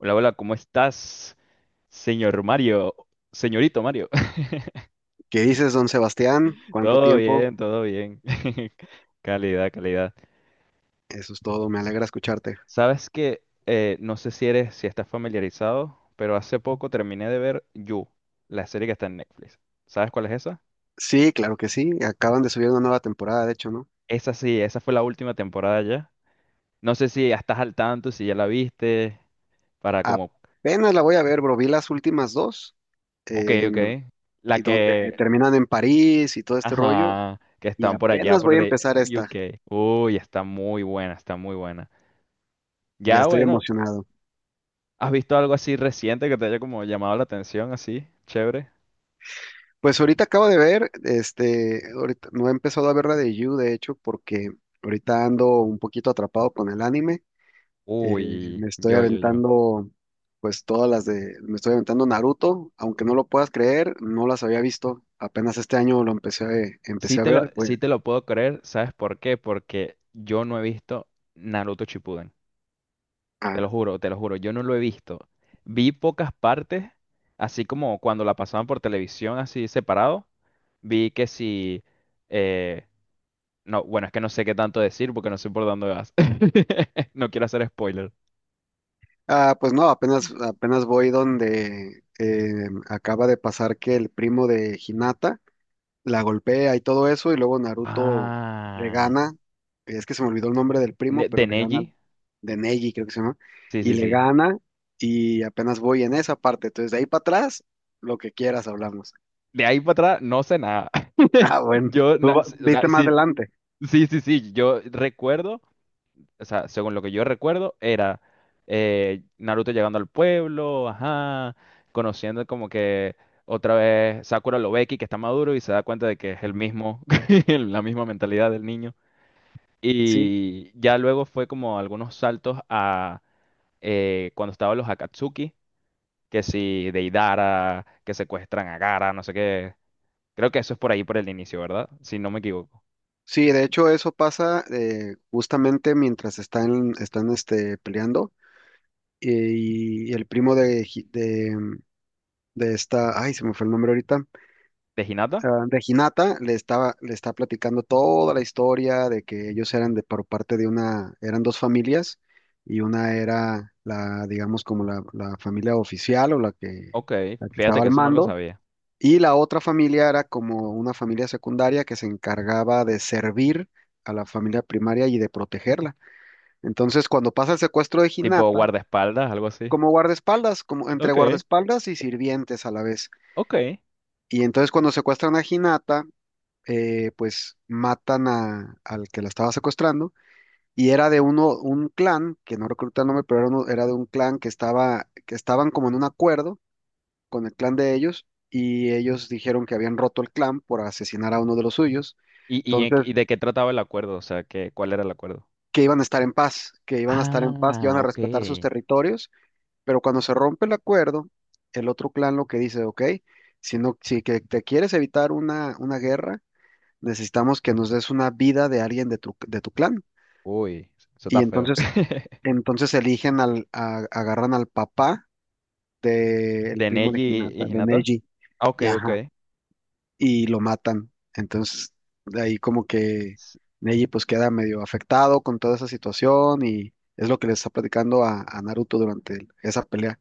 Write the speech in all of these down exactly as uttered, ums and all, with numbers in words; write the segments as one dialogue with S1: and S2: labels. S1: Hola, hola, ¿cómo estás, señor Mario? Señorito Mario.
S2: ¿Qué dices, don Sebastián? ¿Cuánto
S1: Todo
S2: tiempo?
S1: bien, todo bien. Calidad, calidad.
S2: Eso es todo, me alegra escucharte.
S1: Sabes que eh, no sé si eres, si estás familiarizado, pero hace poco terminé de ver You, la serie que está en Netflix. ¿Sabes cuál es esa?
S2: Sí, claro que sí, acaban de subir una nueva temporada, de hecho, ¿no?
S1: Esa sí, esa fue la última temporada ya. No sé si ya estás al tanto, si ya la viste. para como,
S2: Apenas la voy a ver, bro, vi las últimas dos,
S1: ok,
S2: eh,
S1: ok. La
S2: y donde
S1: que,
S2: terminan en París y todo este rollo,
S1: Ajá, que
S2: y
S1: están por allá,
S2: apenas
S1: por
S2: voy a
S1: de
S2: empezar
S1: eh, U
S2: esta,
S1: K Uy, está muy buena, está muy buena.
S2: ya
S1: Ya,
S2: estoy
S1: bueno,
S2: emocionado.
S1: ¿has visto algo así reciente que te haya como llamado la atención, así? Chévere.
S2: Pues ahorita acabo de ver, este, ahorita no he empezado a ver la de You, de hecho, porque ahorita ando un poquito atrapado con el anime. Eh,
S1: Uy,
S2: Me estoy
S1: yo, yo, yo.
S2: aventando, pues todas las de, me estoy aventando Naruto, aunque no lo puedas creer, no las había visto. Apenas este año lo empecé a, eh,
S1: Sí
S2: empecé a
S1: te lo,
S2: ver.
S1: sí
S2: Bueno,
S1: te lo puedo creer, ¿sabes por qué? Porque yo no he visto Naruto Shippuden. Te
S2: ah,
S1: lo juro, te lo juro, yo no lo he visto. Vi pocas partes, así como cuando la pasaban por televisión, así separado. Vi que si... eh, No, bueno, es que no sé qué tanto decir porque no sé por dónde vas. No quiero hacer spoiler.
S2: ah, pues no, apenas, apenas voy donde eh, acaba de pasar que el primo de Hinata la golpea y todo eso, y luego Naruto le
S1: Ah,
S2: gana. Es que se me olvidó el nombre del primo,
S1: Ne- de
S2: pero le gana al
S1: Neji.
S2: de Neji, creo que se llama,
S1: Sí,
S2: y
S1: sí,
S2: le
S1: sí.
S2: gana, y apenas voy en esa parte. Entonces de ahí para atrás, lo que quieras hablamos.
S1: De ahí para atrás no sé nada.
S2: Ah, bueno,
S1: Yo,
S2: tú
S1: na-
S2: va-
S1: s- o sea,
S2: viste más
S1: sí,
S2: adelante.
S1: sí, sí, sí. Yo recuerdo, o sea, según lo que yo recuerdo, era eh, Naruto llegando al pueblo, ajá, conociendo como que otra vez Sakura lo ve aquí, que está maduro y se da cuenta de que es el
S2: Ujú.
S1: mismo, la misma mentalidad del niño.
S2: Sí,
S1: Y ya luego fue como algunos saltos a eh, cuando estaban los Akatsuki, que si Deidara, que secuestran a Gaara, no sé qué. Creo que eso es por ahí, por el inicio, ¿verdad? Si no me equivoco.
S2: sí, de hecho eso pasa eh, justamente mientras están, están este, peleando, eh, y, y el primo de, Hi- de, de esta, ay, se me fue el nombre ahorita,
S1: ¿De Hinata?
S2: ah, Reginata le estaba, le está platicando toda la historia de que ellos eran de por parte de una, eran dos familias y una era la, digamos, como la, la familia oficial o la que,
S1: Ok,
S2: la que
S1: fíjate
S2: estaba
S1: que
S2: al
S1: eso no lo
S2: mando,
S1: sabía.
S2: y la otra familia era como una familia secundaria que se encargaba de servir a la familia primaria y de protegerla. Entonces, cuando pasa el secuestro de
S1: Tipo
S2: Hinata,
S1: guardaespaldas, algo así.
S2: como guardaespaldas, como entre
S1: Ok,
S2: guardaespaldas y sirvientes a la vez.
S1: ok.
S2: Y entonces cuando secuestran a Hinata, eh, pues matan a, al que la estaba secuestrando, y era de uno, un clan, que no recuerdo el nombre, pero era, uno- era de un clan que estaba, que estaban como en un acuerdo con el clan de ellos, y ellos dijeron que habían roto el clan por asesinar a uno de los suyos.
S1: ¿Y, y, en-
S2: Entonces,
S1: y de qué trataba el acuerdo? O sea, que, ¿cuál era el acuerdo?
S2: que iban a estar en paz, que iban a estar en paz, que iban
S1: Ah,
S2: a
S1: ok.
S2: respetar sus territorios, pero cuando se rompe el acuerdo, el otro clan lo que dice, ok, si no, si que te quieres evitar una, una guerra, necesitamos que nos des una vida de alguien de tu, de tu clan.
S1: Uy, eso
S2: Y
S1: está feo.
S2: entonces, entonces eligen al, a- agarran al papá del
S1: ¿De
S2: primo de
S1: Neji y
S2: Hinata, de
S1: Hinata?
S2: Neji,
S1: Ah, ok,
S2: y
S1: ok.
S2: ajá, y lo matan. Entonces, de ahí como que Neji pues queda medio afectado con toda esa situación, y es lo que le está platicando a, a Naruto durante el- esa pelea.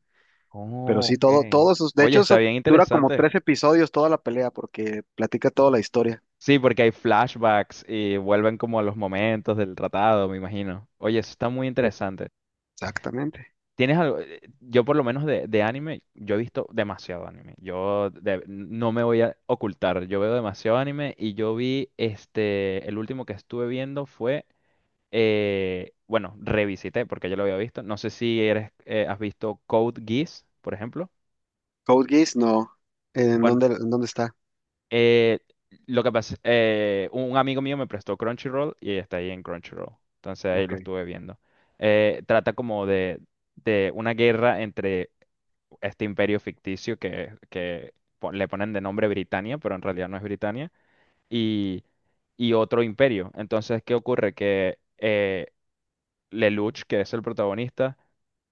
S2: Pero
S1: Oh,
S2: sí, todo,
S1: ok.
S2: todos esos, de
S1: Oye,
S2: hecho,
S1: está
S2: eso
S1: bien
S2: dura como
S1: interesante.
S2: tres episodios toda la pelea porque platica toda la historia.
S1: Sí, porque hay flashbacks y vuelven como a los momentos del tratado, me imagino. Oye, eso está muy interesante.
S2: Exactamente.
S1: ¿Tienes algo? eh, Yo por lo menos de, de anime, yo he visto demasiado anime. Yo de- no me voy a ocultar, yo veo demasiado anime y yo vi, este, el último que estuve viendo fue, eh, bueno, revisité porque yo lo había visto. No sé si eres, eh, has visto Code Geass, por ejemplo.
S2: Code Geass, no. ¿En dónde, en dónde está?
S1: Eh, lo que pasa, eh, un amigo mío me prestó Crunchyroll y está ahí en Crunchyroll. Entonces ahí
S2: Ok.
S1: lo estuve viendo. Eh, trata como de, de una guerra entre este imperio ficticio que, que po- le ponen de nombre Britania, pero en realidad no es Britania, y, y otro imperio. Entonces, ¿qué ocurre? Que eh, Lelouch, que es el protagonista,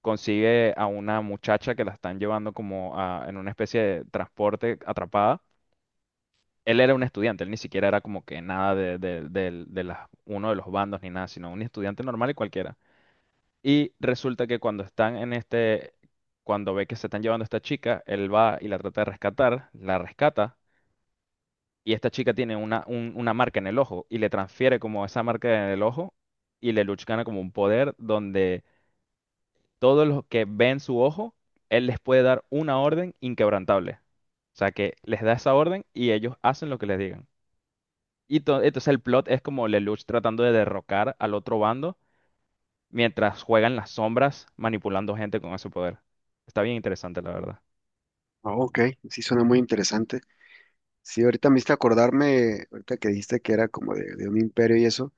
S1: consigue a una muchacha que la están llevando como a- en una especie de transporte atrapada. Él era un estudiante, él ni siquiera era como que nada de, de, del- de las- uno de los bandos ni nada, sino un estudiante normal y cualquiera. Y resulta que cuando están en este, cuando ve que se están llevando a esta chica, él va y la trata de rescatar, la rescata, y esta chica tiene una, un- una marca en el ojo y le transfiere como esa marca en el ojo, y Lelouch gana como un poder donde todos los que ven su ojo, él les puede dar una orden inquebrantable. O sea que les da esa orden y ellos hacen lo que les digan. Y to- entonces el plot es como Lelouch tratando de derrocar al otro bando mientras juega en las sombras manipulando gente con ese poder. Está bien interesante, la verdad.
S2: Oh, ok, sí suena muy interesante. Sí, ahorita me hiciste acordarme, ahorita que dijiste que era como de, de un imperio y eso,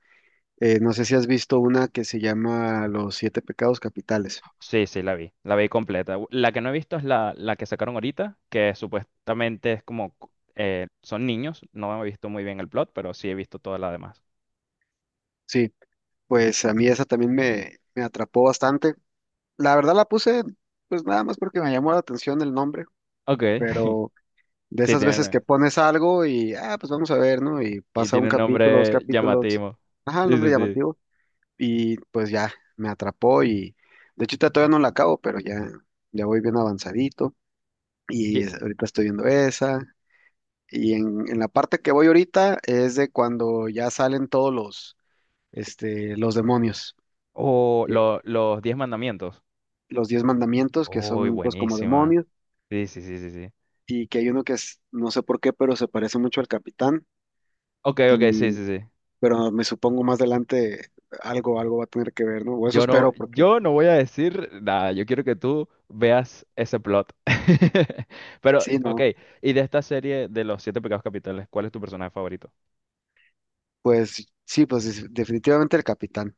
S2: eh, no sé si has visto una que se llama Los Siete Pecados Capitales.
S1: Sí, sí, la vi. La vi completa. U- La que no he visto es la, la que sacaron ahorita, que supuestamente es como... cu- eh, son niños. No he visto muy bien el plot, pero sí he visto toda la demás.
S2: Sí, pues a mí esa también me, me atrapó bastante. La verdad la puse, pues nada más porque me llamó la atención el nombre,
S1: Ok.
S2: pero de
S1: Sí,
S2: esas veces que
S1: tiene,
S2: pones algo y, ah, pues vamos a ver, ¿no? Y
S1: y
S2: pasa un
S1: tiene un
S2: capítulo, dos
S1: nombre
S2: capítulos,
S1: llamativo.
S2: ajá, el
S1: Sí,
S2: nombre
S1: sí, sí.
S2: llamativo, y pues ya, me atrapó, y de hecho ahorita todavía no la acabo, pero ya, ya voy bien avanzadito. Y
S1: ¿Qué-
S2: es- ahorita estoy viendo esa. Y en, en la parte que voy ahorita es de cuando ya salen todos los, este, los demonios,
S1: O
S2: que-
S1: lo- los Diez Mandamientos.
S2: los diez mandamientos que
S1: Uy,
S2: son pues como
S1: buenísima.
S2: demonios,
S1: Sí, sí, sí, sí, sí.
S2: y que hay uno que es, no sé por qué, pero se parece mucho al capitán
S1: Ok, ok, sí,
S2: y,
S1: sí, sí.
S2: pero me supongo más adelante algo, algo va a tener que ver, ¿no? O eso
S1: Yo no,
S2: espero porque
S1: yo no voy a decir nada. Yo quiero que tú veas ese plot. Pero,
S2: sí,
S1: ok,
S2: ¿no?
S1: y de esta serie de los siete pecados capitales, ¿cuál es tu personaje favorito?
S2: Pues sí, pues es- definitivamente el capitán.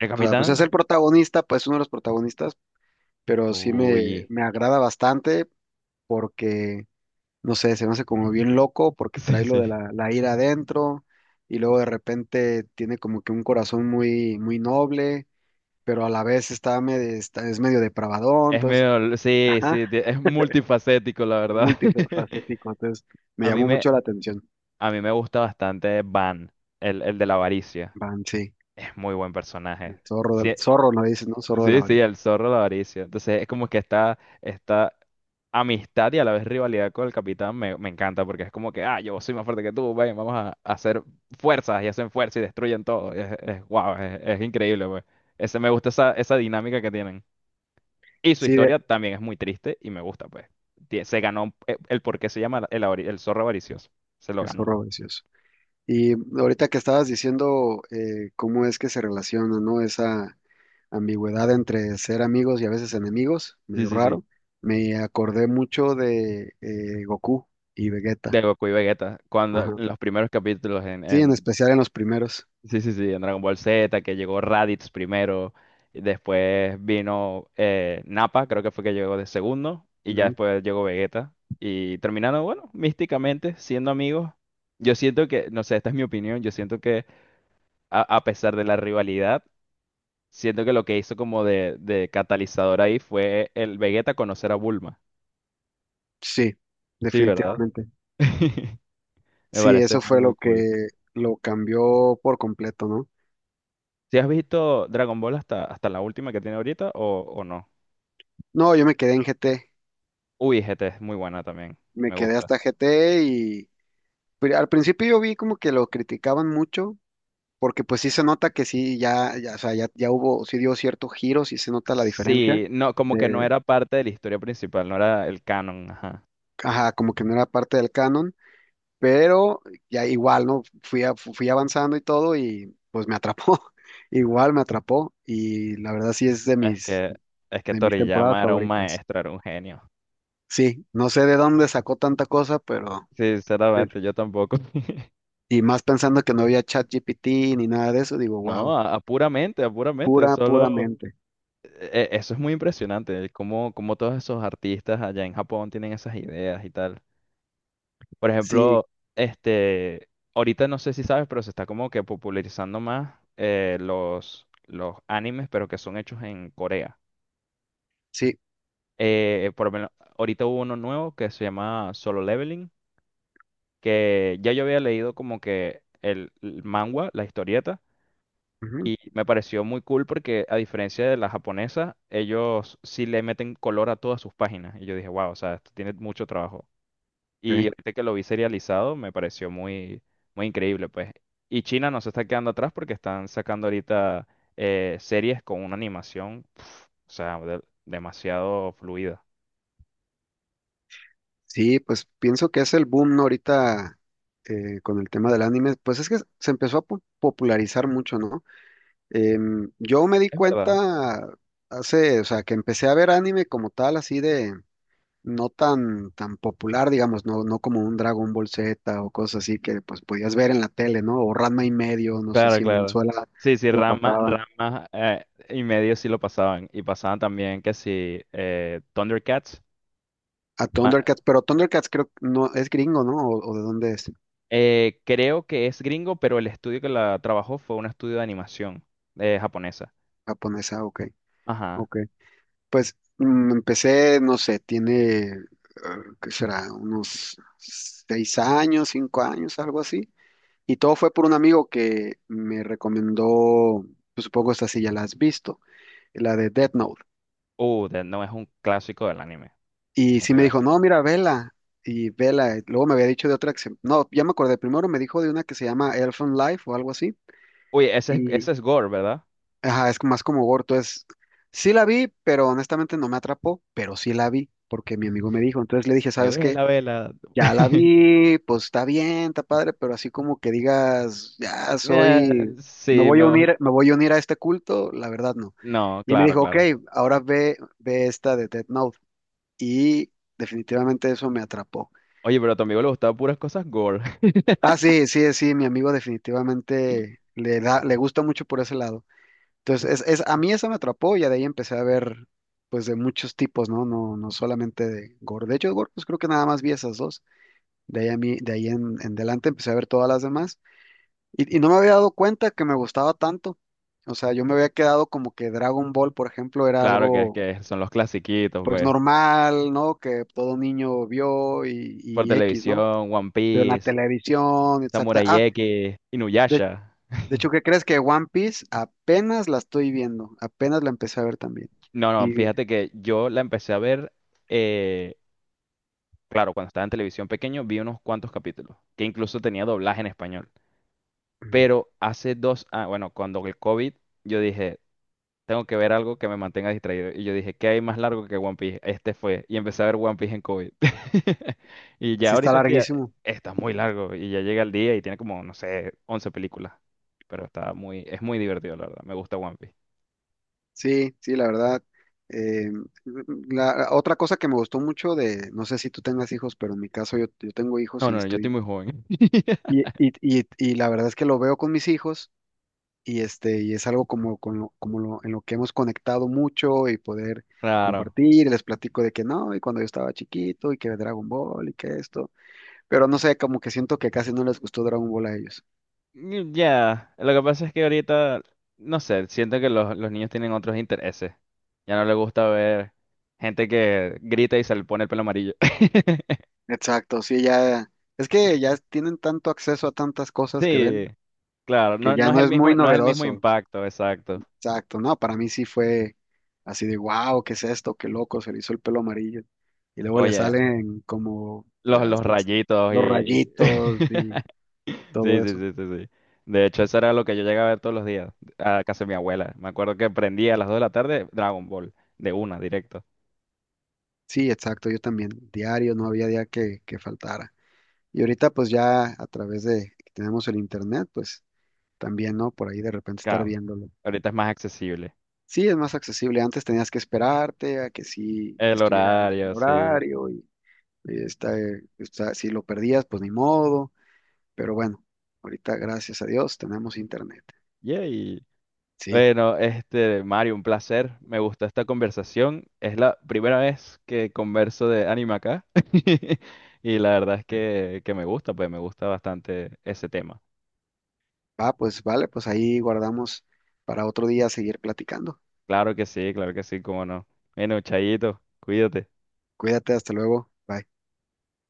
S1: ¿El
S2: O sea, pues es el
S1: capitán?
S2: protagonista, pues uno de los protagonistas, pero sí me,
S1: Uy.
S2: me agrada bastante porque no sé, se me hace como bien loco porque
S1: Sí,
S2: trae lo de
S1: sí.
S2: la, la ira adentro, y luego de repente tiene como que un corazón muy, muy noble, pero a la vez está medio, está- es medio depravadón.
S1: Es
S2: Entonces,
S1: medio, sí,
S2: ajá,
S1: sí, ti- es multifacético, la
S2: es
S1: verdad.
S2: multifacético, entonces me
S1: A mí
S2: llamó
S1: me,
S2: mucho la atención.
S1: a mí me gusta bastante Van, el, el de la avaricia.
S2: Van, sí,
S1: Es muy buen personaje.
S2: el zorro, del,
S1: Sí,
S2: zorro, no dices, ¿no? Zorro de la
S1: sí, sí,
S2: varita.
S1: el zorro de la avaricia. Entonces es como que está, está amistad y a la vez rivalidad con el capitán me, me encanta porque es como que, ah, yo soy más fuerte que tú, ven, vamos a, a hacer fuerzas y hacen fuerza y destruyen todo. Es, es wow, es, es increíble, pues. Ese, me gusta esa, esa dinámica que tienen. Y su
S2: Sí, de,
S1: historia también es muy triste y me gusta, pues. Tie- Se ganó eh, el, por qué se llama el, avari- el zorro avaricioso. Se lo
S2: el
S1: ganó.
S2: zorro vicioso. Y ahorita que estabas diciendo eh, cómo es que se relaciona, ¿no? Esa ambigüedad entre ser amigos y a veces enemigos,
S1: Sí,
S2: medio
S1: sí, sí.
S2: raro. Me acordé mucho de eh, Goku y
S1: De
S2: Vegeta.
S1: Goku y Vegeta. Cuando en
S2: Ajá.
S1: los primeros capítulos en,
S2: Sí, en
S1: en
S2: especial en los primeros.
S1: Sí, sí, sí, en Dragon Ball Z, que llegó Raditz primero, y después vino eh, Nappa, creo que fue que llegó de segundo, y ya
S2: Ujú.
S1: después llegó Vegeta. Y terminaron, bueno, místicamente, siendo amigos. Yo siento que, no sé, esta es mi opinión, yo siento que a, a pesar de la rivalidad, siento que lo que hizo como de, de catalizador ahí fue el Vegeta conocer a Bulma.
S2: Sí,
S1: Sí, ¿verdad?
S2: definitivamente.
S1: Me
S2: Sí,
S1: parece
S2: eso
S1: muy,
S2: fue
S1: muy
S2: lo
S1: cool.
S2: que lo cambió por completo, ¿no?
S1: ¿si has visto Dragon Ball hasta, hasta la última que tiene ahorita o, o no?
S2: No, yo me quedé en G T,
S1: Uy, G T es muy buena también,
S2: me
S1: me
S2: quedé
S1: gusta.
S2: hasta G T, y pri- al principio yo vi como que lo criticaban mucho, porque pues sí se nota que sí, ya, ya, o sea, ya, ya hubo, sí dio cierto giro, sí se nota la diferencia.
S1: Sí, no, como que no era parte de la historia principal, no era el canon, ajá.
S2: Ajá, como que no era parte del canon, pero ya igual, ¿no? Fui, a- fu- fui avanzando y todo, y pues me atrapó, igual me atrapó, y la verdad sí es de
S1: Es
S2: mis,
S1: que, es que
S2: de mis temporadas
S1: Toriyama era un
S2: favoritas.
S1: maestro, era un genio.
S2: Sí, no sé de dónde sacó tanta cosa, pero de-
S1: Sinceramente, yo tampoco.
S2: y más pensando que no había ChatGPT ni nada de eso, digo, wow,
S1: No, a, a puramente, a puramente,
S2: pura,
S1: solo.
S2: puramente.
S1: E- e, eso es muy impresionante, cómo, cómo todos esos artistas allá en Japón tienen esas ideas y tal. Por
S2: Sí,
S1: ejemplo, este, ahorita no sé si sabes, pero se está como que popularizando más eh, los, los animes, pero que son hechos en Corea.
S2: sí.
S1: Eh, por lo menos, ahorita hubo uno nuevo que se llama Solo Leveling, que ya yo había leído como que el, el manga, la historieta,
S2: Ujú,
S1: y me pareció muy cool porque a diferencia de la japonesa, ellos sí le meten color a todas sus páginas. Y yo dije, wow, o sea, esto tiene mucho trabajo. Y
S2: ok.
S1: ahorita que lo vi serializado, me pareció muy, muy increíble, pues. Y China no se está quedando atrás porque están sacando ahorita eh, series con una animación, pf, o sea, de- demasiado fluida.
S2: Sí, pues pienso que es el boom, ¿no? Ahorita eh, con el tema del anime, pues es que se empezó a po- popularizar mucho, ¿no? Em, yo me di
S1: Es verdad.
S2: cuenta hace, o sea, que empecé a ver anime como tal, así de no tan, tan popular, digamos, no, no como un Dragon Ball Z o cosas así que pues podías ver en la tele, ¿no? O Ranma y medio, no sé
S1: Claro,
S2: si en
S1: claro.
S2: Venezuela
S1: Sí, sí,
S2: lo
S1: Rama,
S2: pasaban.
S1: rama eh, y medio sí lo pasaban. Y pasaban también que sí, eh, Thundercats.
S2: A
S1: Ma-
S2: Thundercats, pero Thundercats creo que no es gringo, ¿no? ¿O, o de dónde es?
S1: eh, creo que es gringo, pero el estudio que la trabajó fue un estudio de animación eh, japonesa.
S2: Japonesa, ok,
S1: Ajá.
S2: ok. Pues mm, empecé, no sé, tiene, eh, ¿qué será? Unos seis años, cinco años, algo así. Y todo fue por un amigo que me recomendó, pues, supongo esta sí ya la has visto, la de Death Note.
S1: Uh, de- no es un clásico del anime. Es
S2: Y
S1: un
S2: sí me dijo,
S1: clásico.
S2: no, mira, vela. Y vela, luego me había dicho de otra que se- no, ya me acordé, primero me dijo de una que se llama Elfen Life o algo así.
S1: Uy, ese es,
S2: Y,
S1: ese es Gore, ¿verdad?
S2: ajá, es más como gore. Entonces, sí la vi, pero honestamente no me atrapó, pero sí la vi, porque mi amigo me dijo. Entonces le dije,
S1: Que
S2: ¿sabes qué?
S1: vela, vela.
S2: Ya la vi, pues está bien, está padre, pero así como que digas, ya
S1: Eh,
S2: soy, me
S1: sí,
S2: voy a
S1: me gusta.
S2: unir, me voy a unir a este culto, la verdad no.
S1: No,
S2: Y me
S1: claro,
S2: dijo, ok,
S1: claro.
S2: ahora ve, ve esta de Death Note. Y definitivamente eso me atrapó.
S1: Oye, pero a tu amigo le gustaban puras cosas Gore.
S2: Ah, sí, sí, sí, mi amigo definitivamente le da, le gusta mucho por ese lado. Entonces, es, es, a mí eso me atrapó, y ya de ahí empecé a ver, pues, de muchos tipos, ¿no? No, no solamente de gore. De hecho, de gore, pues creo que nada más vi esas dos. De ahí, a mí, de ahí en, en adelante empecé a ver todas las demás. Y, y no me había dado cuenta que me gustaba tanto. O sea, yo me había quedado como que Dragon Ball, por ejemplo, era
S1: Claro que es
S2: algo
S1: que son los clasiquitos,
S2: pues
S1: pues.
S2: normal, ¿no? Que todo niño vio, y,
S1: por
S2: y X, ¿no?
S1: televisión, One
S2: Pero en la
S1: Piece,
S2: televisión, exacta. Ah,
S1: Samurai X,
S2: de,
S1: Inuyasha.
S2: de hecho, ¿qué crees que One Piece apenas la estoy viendo? Apenas la empecé a ver también.
S1: No, no,
S2: Y
S1: fíjate que yo la empecé a ver, eh, claro, cuando estaba en televisión pequeño vi unos cuantos capítulos, que incluso tenía doblaje en español.
S2: mm,
S1: Pero hace dos, ah, bueno, cuando el COVID, yo dije, tengo que ver algo que me mantenga distraído. Y yo dije, ¿qué hay más largo que One Piece? Este fue. Y empecé a ver One Piece en COVID. Y ya
S2: sí está
S1: ahorita estoy, a-
S2: larguísimo.
S1: está muy largo y ya llega el día y tiene como, no sé, once películas. Pero está muy, es muy divertido, la verdad. Me gusta One Piece.
S2: Sí, sí, la verdad. Eh, la, otra cosa que me gustó mucho de, no sé si tú tengas hijos, pero en mi caso yo, yo tengo hijos
S1: No,
S2: y
S1: no, no, yo estoy
S2: estoy,
S1: muy joven.
S2: y, y, y, y la verdad es que lo veo con mis hijos y este, y es algo como, con lo- como lo- en lo que hemos conectado mucho y poder
S1: Claro.
S2: compartir, y les platico de que no, y cuando yo estaba chiquito y que Dragon Ball y que esto, pero no sé, como que siento que casi no les gustó Dragon Ball a ellos.
S1: Mm, ya, lo que pasa es que ahorita, no sé, siento que los, los niños tienen otros intereses. Ya no les gusta ver gente que grita y se le pone el pelo amarillo.
S2: Exacto, sí, ya es que ya tienen tanto acceso a tantas cosas que
S1: Sí,
S2: ven
S1: claro,
S2: que
S1: no,
S2: ya
S1: no es
S2: no
S1: el
S2: es muy
S1: mismo, no es el mismo
S2: novedoso.
S1: impacto, exacto.
S2: Exacto, no, para mí sí fue así de wow, ¿qué es esto? Qué loco, se le hizo el pelo amarillo. Y luego le
S1: Oye,
S2: salen como
S1: los,
S2: las,
S1: los rayitos y...
S2: los
S1: y-
S2: rayitos y
S1: Sí,
S2: todo
S1: sí,
S2: eso.
S1: sí, sí, sí. De hecho, eso era lo que yo llegaba a ver todos los días a casa de mi abuela. Me acuerdo que prendía a las dos de la tarde Dragon Ball, de una, directo.
S2: Sí, exacto, yo también, diario, no había día que, que faltara. Y ahorita pues ya a través de que tenemos el internet, pues también, ¿no? Por ahí de repente estar
S1: Claro,
S2: viéndolo.
S1: ahorita es más accesible.
S2: Sí, es más accesible. Antes tenías que esperarte a que sí
S1: El
S2: estuviera el el
S1: horario, sí.
S2: horario y, y está, eh, está- si lo perdías, pues ni modo. Pero bueno, ahorita gracias a Dios tenemos internet.
S1: Yay.
S2: Sí,
S1: Bueno, este, Mario, un placer. Me gustó esta conversación. Es la primera vez que converso de anime acá. Y la verdad es que, que me gusta, pues me gusta bastante ese tema.
S2: va, pues vale, pues ahí guardamos para otro día seguir platicando.
S1: Claro que sí, claro que sí, cómo no. Bueno, Chayito, cuídate.
S2: Cuídate, hasta luego. Bye.